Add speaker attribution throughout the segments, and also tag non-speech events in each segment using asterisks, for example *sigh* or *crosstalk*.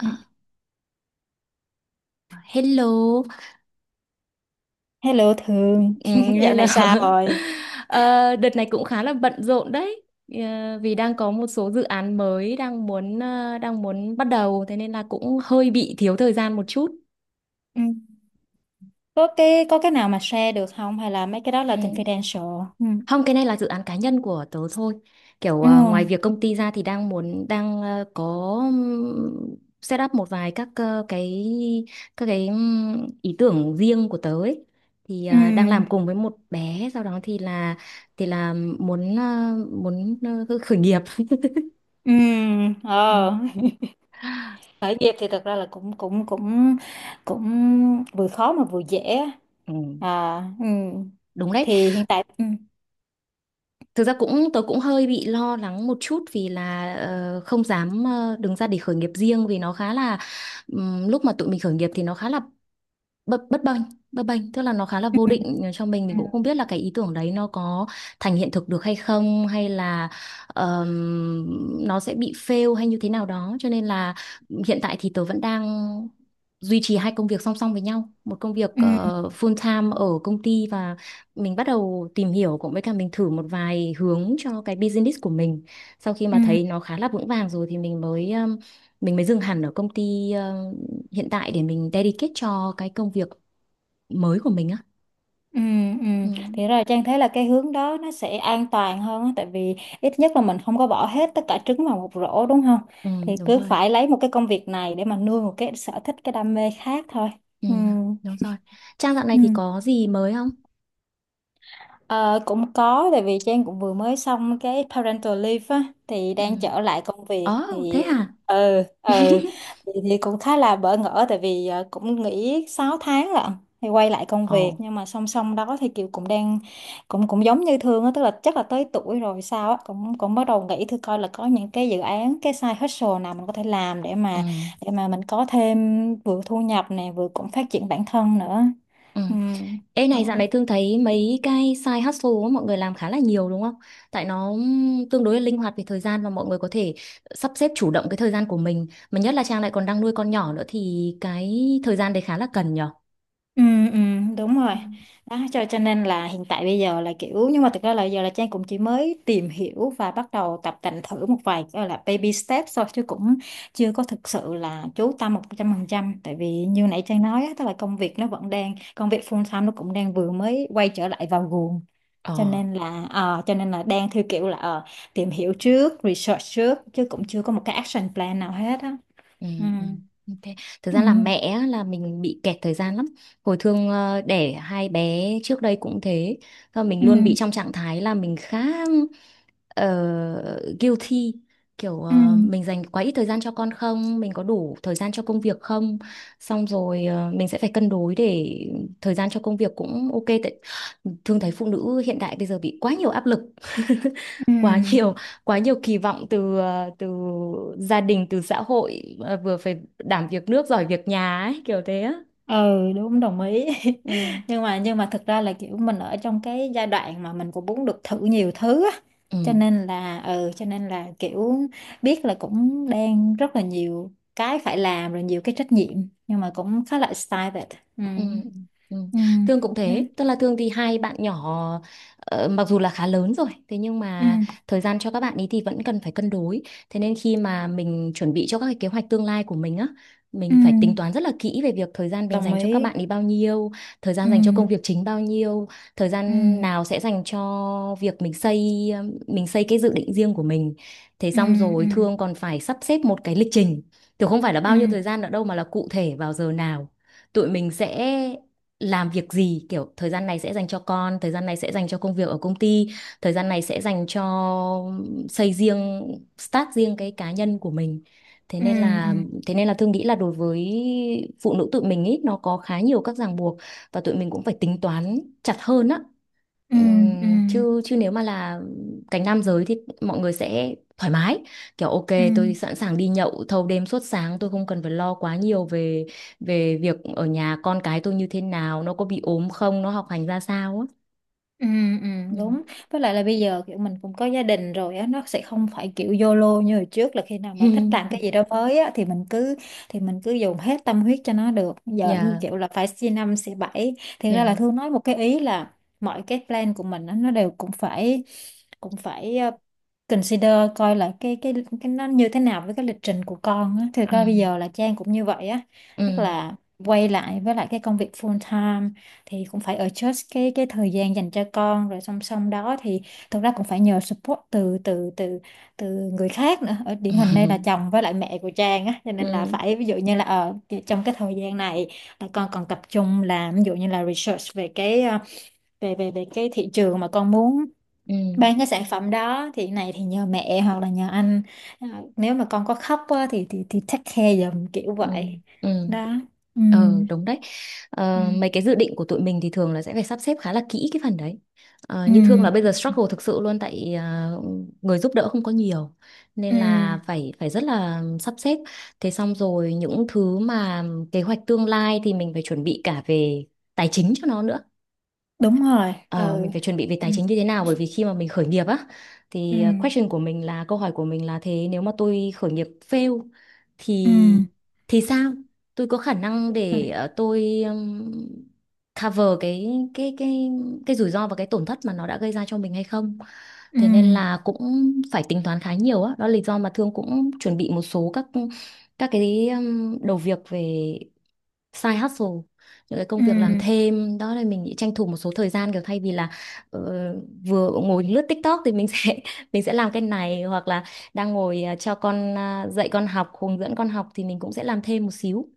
Speaker 1: Ừ.
Speaker 2: À, hello,
Speaker 1: Hello Thường
Speaker 2: ừ,
Speaker 1: *laughs* Dạo
Speaker 2: hello.
Speaker 1: này sao
Speaker 2: *laughs*
Speaker 1: rồi?
Speaker 2: Ờ, Đợt này cũng khá là bận rộn đấy. Vì đang có một số dự án mới đang muốn bắt đầu, thế nên là cũng hơi bị thiếu thời gian một chút.
Speaker 1: Ừ. Có cái nào mà share được không hay là mấy cái đó là
Speaker 2: Ừ.
Speaker 1: confidential? Ừ.
Speaker 2: Không, cái này là dự án cá nhân của tớ thôi. Kiểu
Speaker 1: Ừ.
Speaker 2: ngoài việc công ty ra thì đang muốn có, set up một vài các ờ, cái các cái ý tưởng riêng của tớ ấy. Thì
Speaker 1: Ừ.
Speaker 2: đang làm cùng với một bé, sau đó thì là muốn khởi nghiệp. *laughs*
Speaker 1: Ừ.
Speaker 2: Ừ,
Speaker 1: Ờ. Khởi nghiệp thì thật ra là cũng cũng cũng cũng vừa khó mà vừa dễ á.
Speaker 2: ừ,
Speaker 1: À, ừ.
Speaker 2: đúng đấy.
Speaker 1: Thì hiện tại ừ.
Speaker 2: Thực ra tớ cũng hơi bị lo lắng một chút vì là không dám đứng ra để khởi nghiệp riêng vì nó khá là lúc mà tụi mình khởi nghiệp thì nó khá là bất bất bênh tức là nó khá là vô định, cho
Speaker 1: Ừ.
Speaker 2: mình cũng không biết là cái ý tưởng đấy nó có thành hiện thực được hay không, hay là nó sẽ bị fail hay như thế nào đó. Cho nên là hiện tại thì tớ vẫn đang duy trì hai công việc song song với nhau, một công việc
Speaker 1: Ừ. Ừ.
Speaker 2: full time ở công ty, và mình bắt đầu tìm hiểu cũng với cả mình thử một vài hướng cho cái business của mình. Sau khi mà
Speaker 1: Ừ.
Speaker 2: thấy nó khá là vững vàng rồi thì mình mới dừng hẳn ở công ty hiện tại để mình dedicate cho cái công việc mới của mình á.
Speaker 1: Ừ, ừ.
Speaker 2: Ừ,
Speaker 1: Thì rồi Trang thấy là cái hướng đó nó sẽ an toàn hơn á, tại vì ít nhất là mình không có bỏ hết tất cả trứng vào một rổ đúng không?
Speaker 2: ừ,
Speaker 1: Thì
Speaker 2: đúng
Speaker 1: cứ
Speaker 2: rồi.
Speaker 1: phải lấy một cái công việc này để mà nuôi một cái sở thích cái đam mê khác thôi.
Speaker 2: Ừ,
Speaker 1: Ừ.
Speaker 2: đúng rồi. Trang dạo này
Speaker 1: Ừ.
Speaker 2: thì có gì mới không?
Speaker 1: Ờ, cũng có tại vì Trang cũng vừa mới xong cái parental leave á thì
Speaker 2: Ừ.
Speaker 1: đang trở lại công việc
Speaker 2: Ồ, thế
Speaker 1: thì
Speaker 2: hả?
Speaker 1: ừ, ừ,
Speaker 2: *laughs*
Speaker 1: thì cũng khá là bỡ ngỡ tại vì cũng nghỉ 6 tháng lận, thì quay lại công
Speaker 2: Ồ.
Speaker 1: việc nhưng mà song song đó thì Kiều cũng đang cũng cũng giống như Thương á, tức là chắc là tới tuổi rồi sao á, cũng cũng bắt đầu nghĩ thử coi là có những cái dự án cái side hustle nào mình có thể làm để
Speaker 2: Ừ,
Speaker 1: mà mình có thêm vừa thu nhập này vừa cũng phát triển bản thân nữa.
Speaker 2: ừ.
Speaker 1: Ừ.
Speaker 2: Ê này, dạo
Speaker 1: Đó.
Speaker 2: này Thương thấy mấy cái side hustle á, mọi người làm khá là nhiều đúng không, tại nó tương đối là linh hoạt về thời gian và mọi người có thể sắp xếp chủ động cái thời gian của mình, mà nhất là Trang lại còn đang nuôi con nhỏ nữa thì cái thời gian đấy khá là cần nhở.
Speaker 1: Ừ, ừ, đúng
Speaker 2: Ừ.
Speaker 1: rồi đó, cho nên là hiện tại bây giờ là kiểu, nhưng mà thực ra là giờ là Trang cũng chỉ mới tìm hiểu và bắt đầu tập tành thử một vài gọi là baby steps thôi, chứ cũng chưa có thực sự là chú tâm 100%, tại vì như nãy Trang nói á, tức là công việc nó vẫn đang công việc full time, nó cũng đang vừa mới quay trở lại vào guồng, cho
Speaker 2: Ờ.
Speaker 1: nên là cho nên là đang theo kiểu là tìm hiểu trước, research trước chứ cũng chưa có một cái action plan nào hết á.
Speaker 2: Ừ,
Speaker 1: Ừ.
Speaker 2: ừ. Ok. Thực
Speaker 1: Ừ.
Speaker 2: ra là mẹ á, là mình bị kẹt thời gian lắm. Hồi Thương đẻ hai bé trước đây cũng thế. Và mình
Speaker 1: Ừ.
Speaker 2: luôn bị trong trạng thái là mình khá ờ, guilty, kiểu
Speaker 1: Ừ.
Speaker 2: mình dành quá ít thời gian cho con không, mình có đủ thời gian cho công việc không, xong rồi mình sẽ phải cân đối để thời gian cho công việc cũng ok. Tại thường thấy phụ nữ hiện đại bây giờ bị quá nhiều áp lực, *laughs*
Speaker 1: Ừ.
Speaker 2: quá nhiều quá nhiều kỳ vọng từ từ gia đình, từ xã hội, vừa phải đảm việc nước giỏi việc nhà ấy, kiểu thế á.
Speaker 1: Ừ, đúng, đồng ý.
Speaker 2: Ừ,
Speaker 1: *laughs* Nhưng mà thực ra là kiểu mình ở trong cái giai đoạn mà mình cũng muốn được thử nhiều thứ á,
Speaker 2: ừ.
Speaker 1: cho nên là ừ, cho nên là kiểu biết là cũng đang rất là nhiều cái phải làm rồi, nhiều cái trách nhiệm, nhưng mà cũng khá là excited. Ừ.
Speaker 2: Ừ, ừ.
Speaker 1: Ừ.
Speaker 2: Thương cũng
Speaker 1: Đó.
Speaker 2: thế, tức là Thương thì hai bạn nhỏ mặc dù là khá lớn rồi, thế nhưng
Speaker 1: Ừ.
Speaker 2: mà thời gian cho các bạn ấy thì vẫn cần phải cân đối. Thế nên khi mà mình chuẩn bị cho các cái kế hoạch tương lai của mình á,
Speaker 1: Ừ,
Speaker 2: mình phải tính toán rất là kỹ về việc thời gian mình
Speaker 1: đồng
Speaker 2: dành cho các
Speaker 1: ý.
Speaker 2: bạn ấy bao nhiêu, thời
Speaker 1: Ừ.
Speaker 2: gian dành cho công việc chính bao nhiêu, thời
Speaker 1: Ừ.
Speaker 2: gian nào sẽ dành cho việc mình xây cái dự định riêng của mình. Thế
Speaker 1: Ừ.
Speaker 2: xong rồi
Speaker 1: Ừ.
Speaker 2: Thương còn phải sắp xếp một cái lịch trình. Thì không phải là bao nhiêu
Speaker 1: Ừ.
Speaker 2: thời gian nữa đâu, mà là cụ thể vào giờ nào tụi mình sẽ làm việc gì, kiểu thời gian này sẽ dành cho con, thời gian này sẽ dành cho công việc ở công ty, thời gian này sẽ dành cho xây riêng, start riêng cái cá nhân của mình. thế
Speaker 1: Ừ.
Speaker 2: nên
Speaker 1: Ừ.
Speaker 2: là thế nên là Thương nghĩ là đối với phụ nữ tụi mình ý, nó có khá nhiều các ràng buộc và tụi mình cũng phải tính toán chặt hơn á.
Speaker 1: Ừ. Ừ. Ừ.
Speaker 2: Ừm, chứ chứ nếu mà là cánh nam giới thì mọi người sẽ thoải mái, kiểu ok,
Speaker 1: Ừ.
Speaker 2: tôi sẵn sàng đi nhậu thâu đêm suốt sáng, tôi không cần phải lo quá nhiều về về việc ở nhà con cái tôi như thế nào, nó có bị ốm không, nó học hành ra sao á.
Speaker 1: Ừ, ừ,
Speaker 2: Ừ.
Speaker 1: đúng. Với lại là bây giờ kiểu mình cũng có gia đình rồi á, nó sẽ không phải kiểu YOLO như hồi trước là khi nào mà thích làm
Speaker 2: *laughs*
Speaker 1: cái gì đó mới á thì mình cứ dùng hết tâm huyết cho nó được, giờ như
Speaker 2: Dạ,
Speaker 1: kiểu là phải xi năm xi bảy. Thì ra là
Speaker 2: dạ.
Speaker 1: Thương nói một cái ý là mọi cái plan của mình á, nó đều cũng phải cũng phải ờ, consider, coi là cái nó như thế nào với cái lịch trình của con á. Thực
Speaker 2: Ừ,
Speaker 1: ra bây giờ là Trang cũng như vậy á,
Speaker 2: ừ.
Speaker 1: tức là quay lại với lại cái công việc full time thì cũng phải adjust cái thời gian dành cho con, rồi song song đó thì thực ra cũng phải nhờ support từ từ từ từ người khác nữa, ở điển hình đây là
Speaker 2: *laughs*
Speaker 1: chồng với lại mẹ của Trang á, cho
Speaker 2: Ừ,
Speaker 1: nên là phải ví dụ như là ở trong cái thời gian này là con còn tập trung làm, ví dụ như là research về cái về về về cái thị trường mà con muốn
Speaker 2: ừ,
Speaker 1: bán cái sản phẩm đó, thì này thì nhờ mẹ hoặc là nhờ anh, Ờ, nếu mà con có khóc á, thì take care giùm kiểu
Speaker 2: ừ,
Speaker 1: vậy.
Speaker 2: ừ. *laughs*
Speaker 1: Đó. Ừ.
Speaker 2: Ờ, đúng đấy.
Speaker 1: Ừ.
Speaker 2: Ờ, mấy cái dự định của tụi mình thì thường là sẽ phải sắp xếp khá là kỹ cái phần đấy. Ờ,
Speaker 1: Ừ.
Speaker 2: như Thương là bây giờ struggle thực sự luôn. Tại người giúp đỡ không có nhiều,
Speaker 1: Ừ,
Speaker 2: nên là phải phải rất là sắp xếp. Thế xong rồi những thứ mà kế hoạch tương lai thì mình phải chuẩn bị cả về tài chính cho nó nữa.
Speaker 1: đúng rồi.
Speaker 2: Ờ,
Speaker 1: Ừ.
Speaker 2: mình phải chuẩn bị về
Speaker 1: Ừ.
Speaker 2: tài chính như thế nào, bởi vì khi mà mình khởi nghiệp á
Speaker 1: Ừ.
Speaker 2: thì question của mình là câu hỏi của mình là thế nếu mà tôi khởi nghiệp fail
Speaker 1: Ừ,
Speaker 2: thì sao? Tôi có khả năng
Speaker 1: đúng rồi.
Speaker 2: để ờ, tôi cover cái cái rủi ro và cái tổn thất mà nó đã gây ra cho mình hay không?
Speaker 1: Ừ.
Speaker 2: Thế nên là cũng phải tính toán khá nhiều á. Đó là lý do mà Thương cũng chuẩn bị một số các cái đầu việc về side hustle, những cái công
Speaker 1: Ừ.
Speaker 2: việc làm thêm, đó là mình nghĩ tranh thủ một số thời gian, kiểu thay vì là ờ, vừa ngồi lướt TikTok thì mình sẽ *laughs* mình sẽ làm cái này, hoặc là đang ngồi à, cho con à, dạy con học, hướng dẫn con học thì mình cũng sẽ làm thêm một xíu.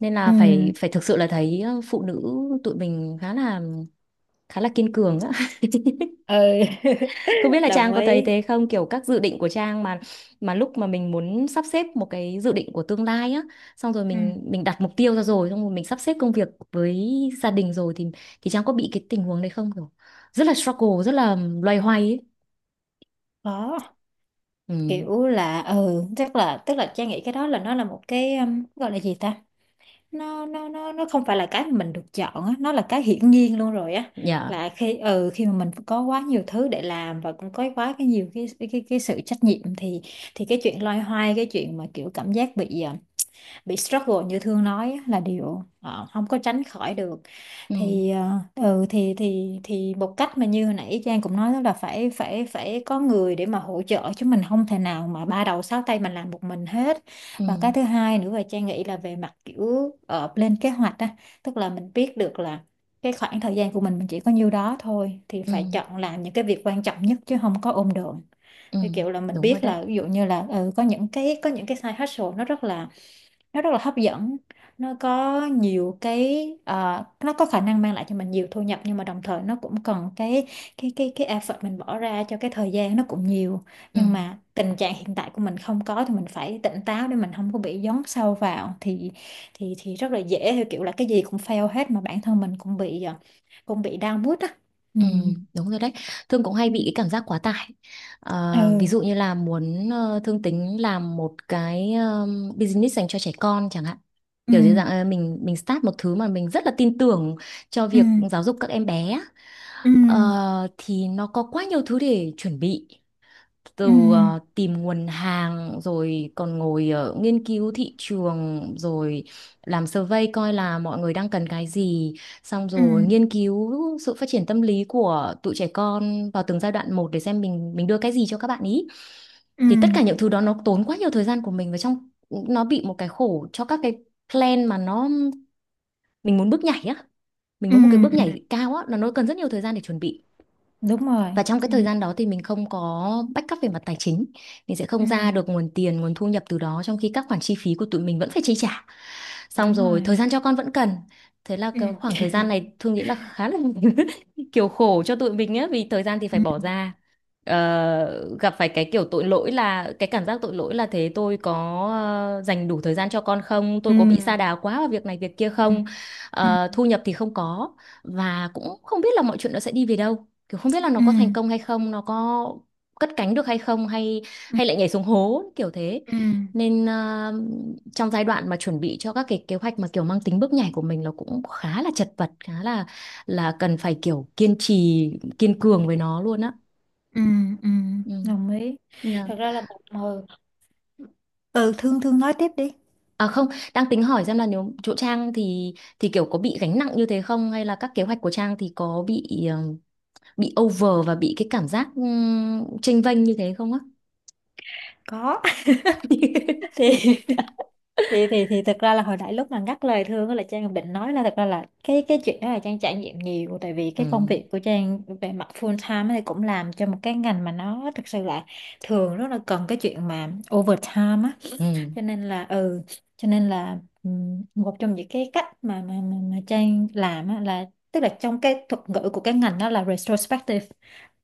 Speaker 2: Nên
Speaker 1: Ừ.
Speaker 2: là phải phải thực sự là thấy phụ nữ tụi mình khá là, kiên cường á. *laughs*
Speaker 1: Ừ.
Speaker 2: Không biết
Speaker 1: *laughs*
Speaker 2: là Trang
Speaker 1: Đồng
Speaker 2: có thấy
Speaker 1: ý.
Speaker 2: thế không, kiểu các dự định của Trang mà, lúc mà mình muốn sắp xếp một cái dự định của tương lai á, xong rồi
Speaker 1: Ừ,
Speaker 2: mình đặt mục tiêu ra, rồi xong rồi mình sắp xếp công việc với gia đình rồi thì Trang có bị cái tình huống đấy không, kiểu rất là struggle, rất là loay hoay ấy?
Speaker 1: có.
Speaker 2: Ừ.
Speaker 1: Kiểu là ừ, chắc là tức là Trang nghĩ cái đó là nó là một cái gọi là gì ta, nó không phải là cái mà mình được chọn á, nó là cái hiển nhiên luôn rồi á,
Speaker 2: Dạ.
Speaker 1: là khi ừ, khi mà mình có quá nhiều thứ để làm và cũng có quá cái nhiều cái sự trách nhiệm, thì cái chuyện loay hoay, cái chuyện mà kiểu cảm giác bị struggle như Thương nói á, là điều không có tránh khỏi được.
Speaker 2: Ừ,
Speaker 1: Thì ừ, thì một cách mà như hồi nãy Trang cũng nói đó là phải phải phải có người để mà hỗ trợ, chứ mình không thể nào mà ba đầu sáu tay mình làm một mình hết.
Speaker 2: ừ.
Speaker 1: Và cái thứ hai nữa là Trang nghĩ là về mặt kiểu lên kế hoạch á, tức là mình biết được là cái khoảng thời gian của mình chỉ có nhiêu đó thôi thì
Speaker 2: Ừ,
Speaker 1: phải chọn làm những cái việc quan trọng nhất, chứ không có ôm đồm.
Speaker 2: ừ,
Speaker 1: Thì kiểu là mình
Speaker 2: đúng rồi
Speaker 1: biết
Speaker 2: đấy.
Speaker 1: là ví dụ như là ừ, có những cái side hustle nó rất là hấp dẫn, nó có nhiều cái nó có khả năng mang lại cho mình nhiều thu nhập, nhưng mà đồng thời nó cũng cần cái effort mình bỏ ra, cho cái thời gian nó cũng nhiều,
Speaker 2: Ừ.
Speaker 1: nhưng mà tình trạng hiện tại của mình không có, thì mình phải tỉnh táo để mình không có bị dấn sâu vào. Thì rất là dễ theo kiểu là cái gì cũng fail hết, mà bản thân mình cũng bị cũng bị down mood á. Ừ
Speaker 2: Ừ, đúng rồi đấy. Thương cũng hay
Speaker 1: Ừ.
Speaker 2: bị cái cảm giác quá tải.
Speaker 1: Ừ.
Speaker 2: Ờ, ví dụ như là muốn Thương tính làm một cái business dành cho trẻ con chẳng hạn.
Speaker 1: Ừ.
Speaker 2: Kiểu dưới dạng mình start một thứ mà mình rất là tin tưởng cho
Speaker 1: Ừ.
Speaker 2: việc giáo dục các em bé á.
Speaker 1: Ừ.
Speaker 2: Ờ, thì nó có quá nhiều thứ để chuẩn bị,
Speaker 1: Ừ.
Speaker 2: từ tìm nguồn hàng, rồi còn ngồi nghiên cứu thị trường, rồi làm survey coi là mọi người đang cần cái gì, xong
Speaker 1: Ừ.
Speaker 2: rồi nghiên cứu sự phát triển tâm lý của tụi trẻ con vào từng giai đoạn một để xem mình đưa cái gì cho các bạn ý.
Speaker 1: Ừ.
Speaker 2: Thì tất cả những thứ đó nó tốn quá nhiều thời gian của mình, và trong nó bị một cái khổ cho các cái plan mà nó, mình muốn bước nhảy á, mình
Speaker 1: Ừ.
Speaker 2: muốn một cái bước
Speaker 1: Ừ.
Speaker 2: nhảy cao á là nó cần rất nhiều thời gian để chuẩn bị.
Speaker 1: Đúng rồi.
Speaker 2: Và trong cái
Speaker 1: Ừ.
Speaker 2: thời gian đó thì mình không có backup về mặt tài chính, mình sẽ không
Speaker 1: Ừ,
Speaker 2: ra được nguồn tiền, nguồn thu nhập từ đó, trong khi các khoản chi phí của tụi mình vẫn phải chi trả, xong
Speaker 1: đúng
Speaker 2: rồi
Speaker 1: rồi.
Speaker 2: thời gian cho con vẫn cần. Thế là
Speaker 1: Ừ.
Speaker 2: cái khoảng thời gian này Thương nghĩ là khá là, *laughs* kiểu khổ cho tụi mình á, vì thời gian thì
Speaker 1: Ừ.
Speaker 2: phải bỏ ra. Ờ, gặp phải cái kiểu tội lỗi, là cái cảm giác tội lỗi là thế tôi có dành đủ thời gian cho con không, tôi
Speaker 1: Ừ.
Speaker 2: có bị sa đà quá vào việc này việc kia
Speaker 1: Ừ.
Speaker 2: không.
Speaker 1: Ừ.
Speaker 2: Ờ, thu nhập thì không có, và cũng không biết là mọi chuyện nó sẽ đi về đâu, kiểu không biết là nó
Speaker 1: Ừ.
Speaker 2: có thành công hay không, nó có cất cánh được hay không, hay hay lại nhảy xuống hố kiểu thế.
Speaker 1: Ừ. Ừ.
Speaker 2: Nên à, trong giai đoạn mà chuẩn bị cho các cái kế hoạch mà kiểu mang tính bước nhảy của mình, nó cũng khá là chật vật, khá là cần phải kiểu kiên trì, kiên cường với nó luôn á.
Speaker 1: Ừ. Ừ.
Speaker 2: Ừ.
Speaker 1: Đồng ý.
Speaker 2: Yeah.
Speaker 1: Thật ra là một hồi, ừ, thương thương nói tiếp đi.
Speaker 2: À không, đang tính hỏi xem là nếu chỗ Trang thì kiểu có bị gánh nặng như thế không, hay là các kế hoạch của Trang thì có bị bị over và bị cái cảm giác chênh vênh như thế không á?
Speaker 1: Có. *laughs* thì
Speaker 2: *laughs*
Speaker 1: thì thực ra là hồi nãy lúc mà ngắt lời Thương á, là Trang cũng định nói là thật ra là cái chuyện đó là Trang trải nghiệm nhiều, tại vì
Speaker 2: Ừ,
Speaker 1: cái công việc của Trang về mặt full time ấy thì cũng làm cho một cái ngành mà nó thực sự là thường rất là cần cái chuyện mà overtime á,
Speaker 2: ừ,
Speaker 1: cho nên là ừ, cho nên là một trong những cái cách mà mà Trang làm á, là tức là trong cái thuật ngữ của cái ngành đó là retrospective,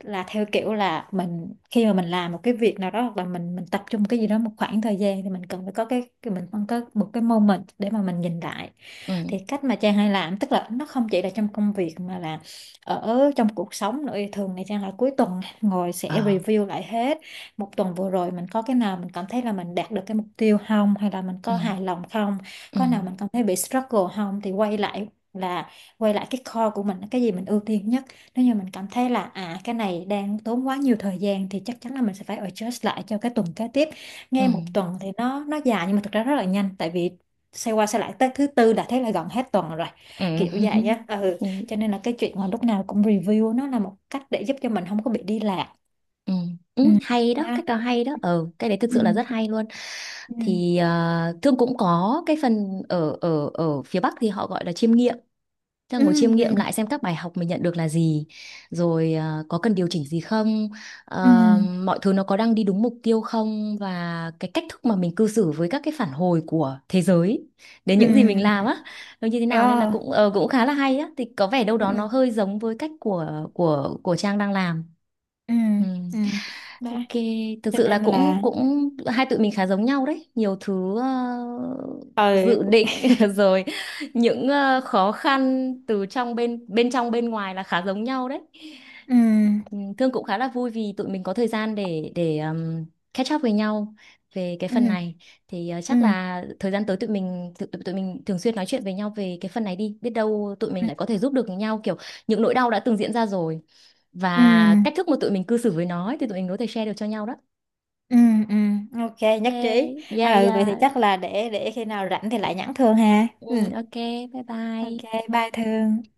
Speaker 1: là theo kiểu là mình khi mà mình làm một cái việc nào đó, hoặc là mình tập trung cái gì đó một khoảng thời gian, thì mình cần phải có mình cần có một cái moment để mà mình nhìn lại.
Speaker 2: ừ,
Speaker 1: Thì cách mà Trang hay làm tức là nó không chỉ là trong công việc mà là ở trong cuộc sống nữa, thường thì Trang là cuối tuần ngồi
Speaker 2: ờ,
Speaker 1: sẽ review lại hết một tuần vừa rồi, mình có cái nào mình cảm thấy là mình đạt được cái mục tiêu không, hay là mình
Speaker 2: ừ,
Speaker 1: có hài lòng không,
Speaker 2: ừ,
Speaker 1: có nào mình cảm thấy bị struggle không, thì quay lại, là quay lại cái core của mình, cái gì mình ưu tiên nhất. Nếu như mình cảm thấy là à, cái này đang tốn quá nhiều thời gian thì chắc chắn là mình sẽ phải adjust lại cho cái tuần kế tiếp.
Speaker 2: ừ,
Speaker 1: Nghe một tuần thì nó dài nhưng mà thực ra rất là nhanh, tại vì xoay qua xoay lại tới thứ tư đã thấy là gần hết tuần rồi,
Speaker 2: ừ.
Speaker 1: kiểu vậy
Speaker 2: *laughs*
Speaker 1: á. Ừ,
Speaker 2: Ừ,
Speaker 1: cho nên là cái chuyện mà lúc nào cũng review nó là một cách để giúp cho mình không có bị đi lạc.
Speaker 2: ừ, ừ,
Speaker 1: Ừ.
Speaker 2: *laughs* hay đó,
Speaker 1: Đó.
Speaker 2: cách nào hay đó, ừ, cái đấy thực
Speaker 1: Ừ.
Speaker 2: sự là rất hay luôn.
Speaker 1: Ừ.
Speaker 2: Thì Thương cũng có cái phần ở ở ở phía Bắc thì họ gọi là chiêm nghiệm. Thế là
Speaker 1: Ừ.
Speaker 2: ngồi chiêm
Speaker 1: Ừ.
Speaker 2: nghiệm lại xem các bài học mình nhận được là gì, rồi có cần điều chỉnh gì không, ờ,
Speaker 1: Ừ.
Speaker 2: mọi thứ nó có đang đi đúng mục tiêu không, và cái cách thức mà mình cư xử với các cái phản hồi của thế giới đến
Speaker 1: Ừ.
Speaker 2: những gì mình
Speaker 1: Ừ.
Speaker 2: làm á, nó như thế nào. Nên là
Speaker 1: Ờ.
Speaker 2: cũng cũng khá là hay á, thì có vẻ đâu
Speaker 1: Ừ.
Speaker 2: đó nó hơi giống với cách của Trang đang làm.
Speaker 1: Ừ.
Speaker 2: Ừ.
Speaker 1: Ừ. Đó,
Speaker 2: Ok, thực
Speaker 1: cho
Speaker 2: sự là
Speaker 1: nên
Speaker 2: cũng
Speaker 1: là
Speaker 2: cũng hai tụi mình khá giống nhau đấy, nhiều thứ
Speaker 1: ờ,
Speaker 2: dự định *laughs* rồi những khó khăn từ trong bên bên trong, bên ngoài là khá giống nhau đấy.
Speaker 1: ừ.
Speaker 2: Ừ, Thương cũng khá là vui vì tụi mình có thời gian để catch up với nhau về cái phần
Speaker 1: Ừ.
Speaker 2: này. Thì chắc
Speaker 1: Ừ.
Speaker 2: là thời gian tới tụi mình thường xuyên nói chuyện với nhau về cái phần này đi, biết đâu tụi mình
Speaker 1: Ừ.
Speaker 2: lại có thể giúp được nhau, kiểu những nỗi đau đã từng diễn ra rồi
Speaker 1: Ừ,
Speaker 2: và cách thức mà tụi mình cư xử với nó ấy, thì tụi mình có thể share được cho nhau đó.
Speaker 1: ừ, ừ, ok,
Speaker 2: Ok,
Speaker 1: nhất trí.
Speaker 2: dạ
Speaker 1: Ừ, vậy thì
Speaker 2: dạ,
Speaker 1: chắc là để khi nào rảnh thì lại nhắn Thương ha.
Speaker 2: ừ,
Speaker 1: Ừ,
Speaker 2: ok, bye
Speaker 1: ok,
Speaker 2: bye.
Speaker 1: bye Thương.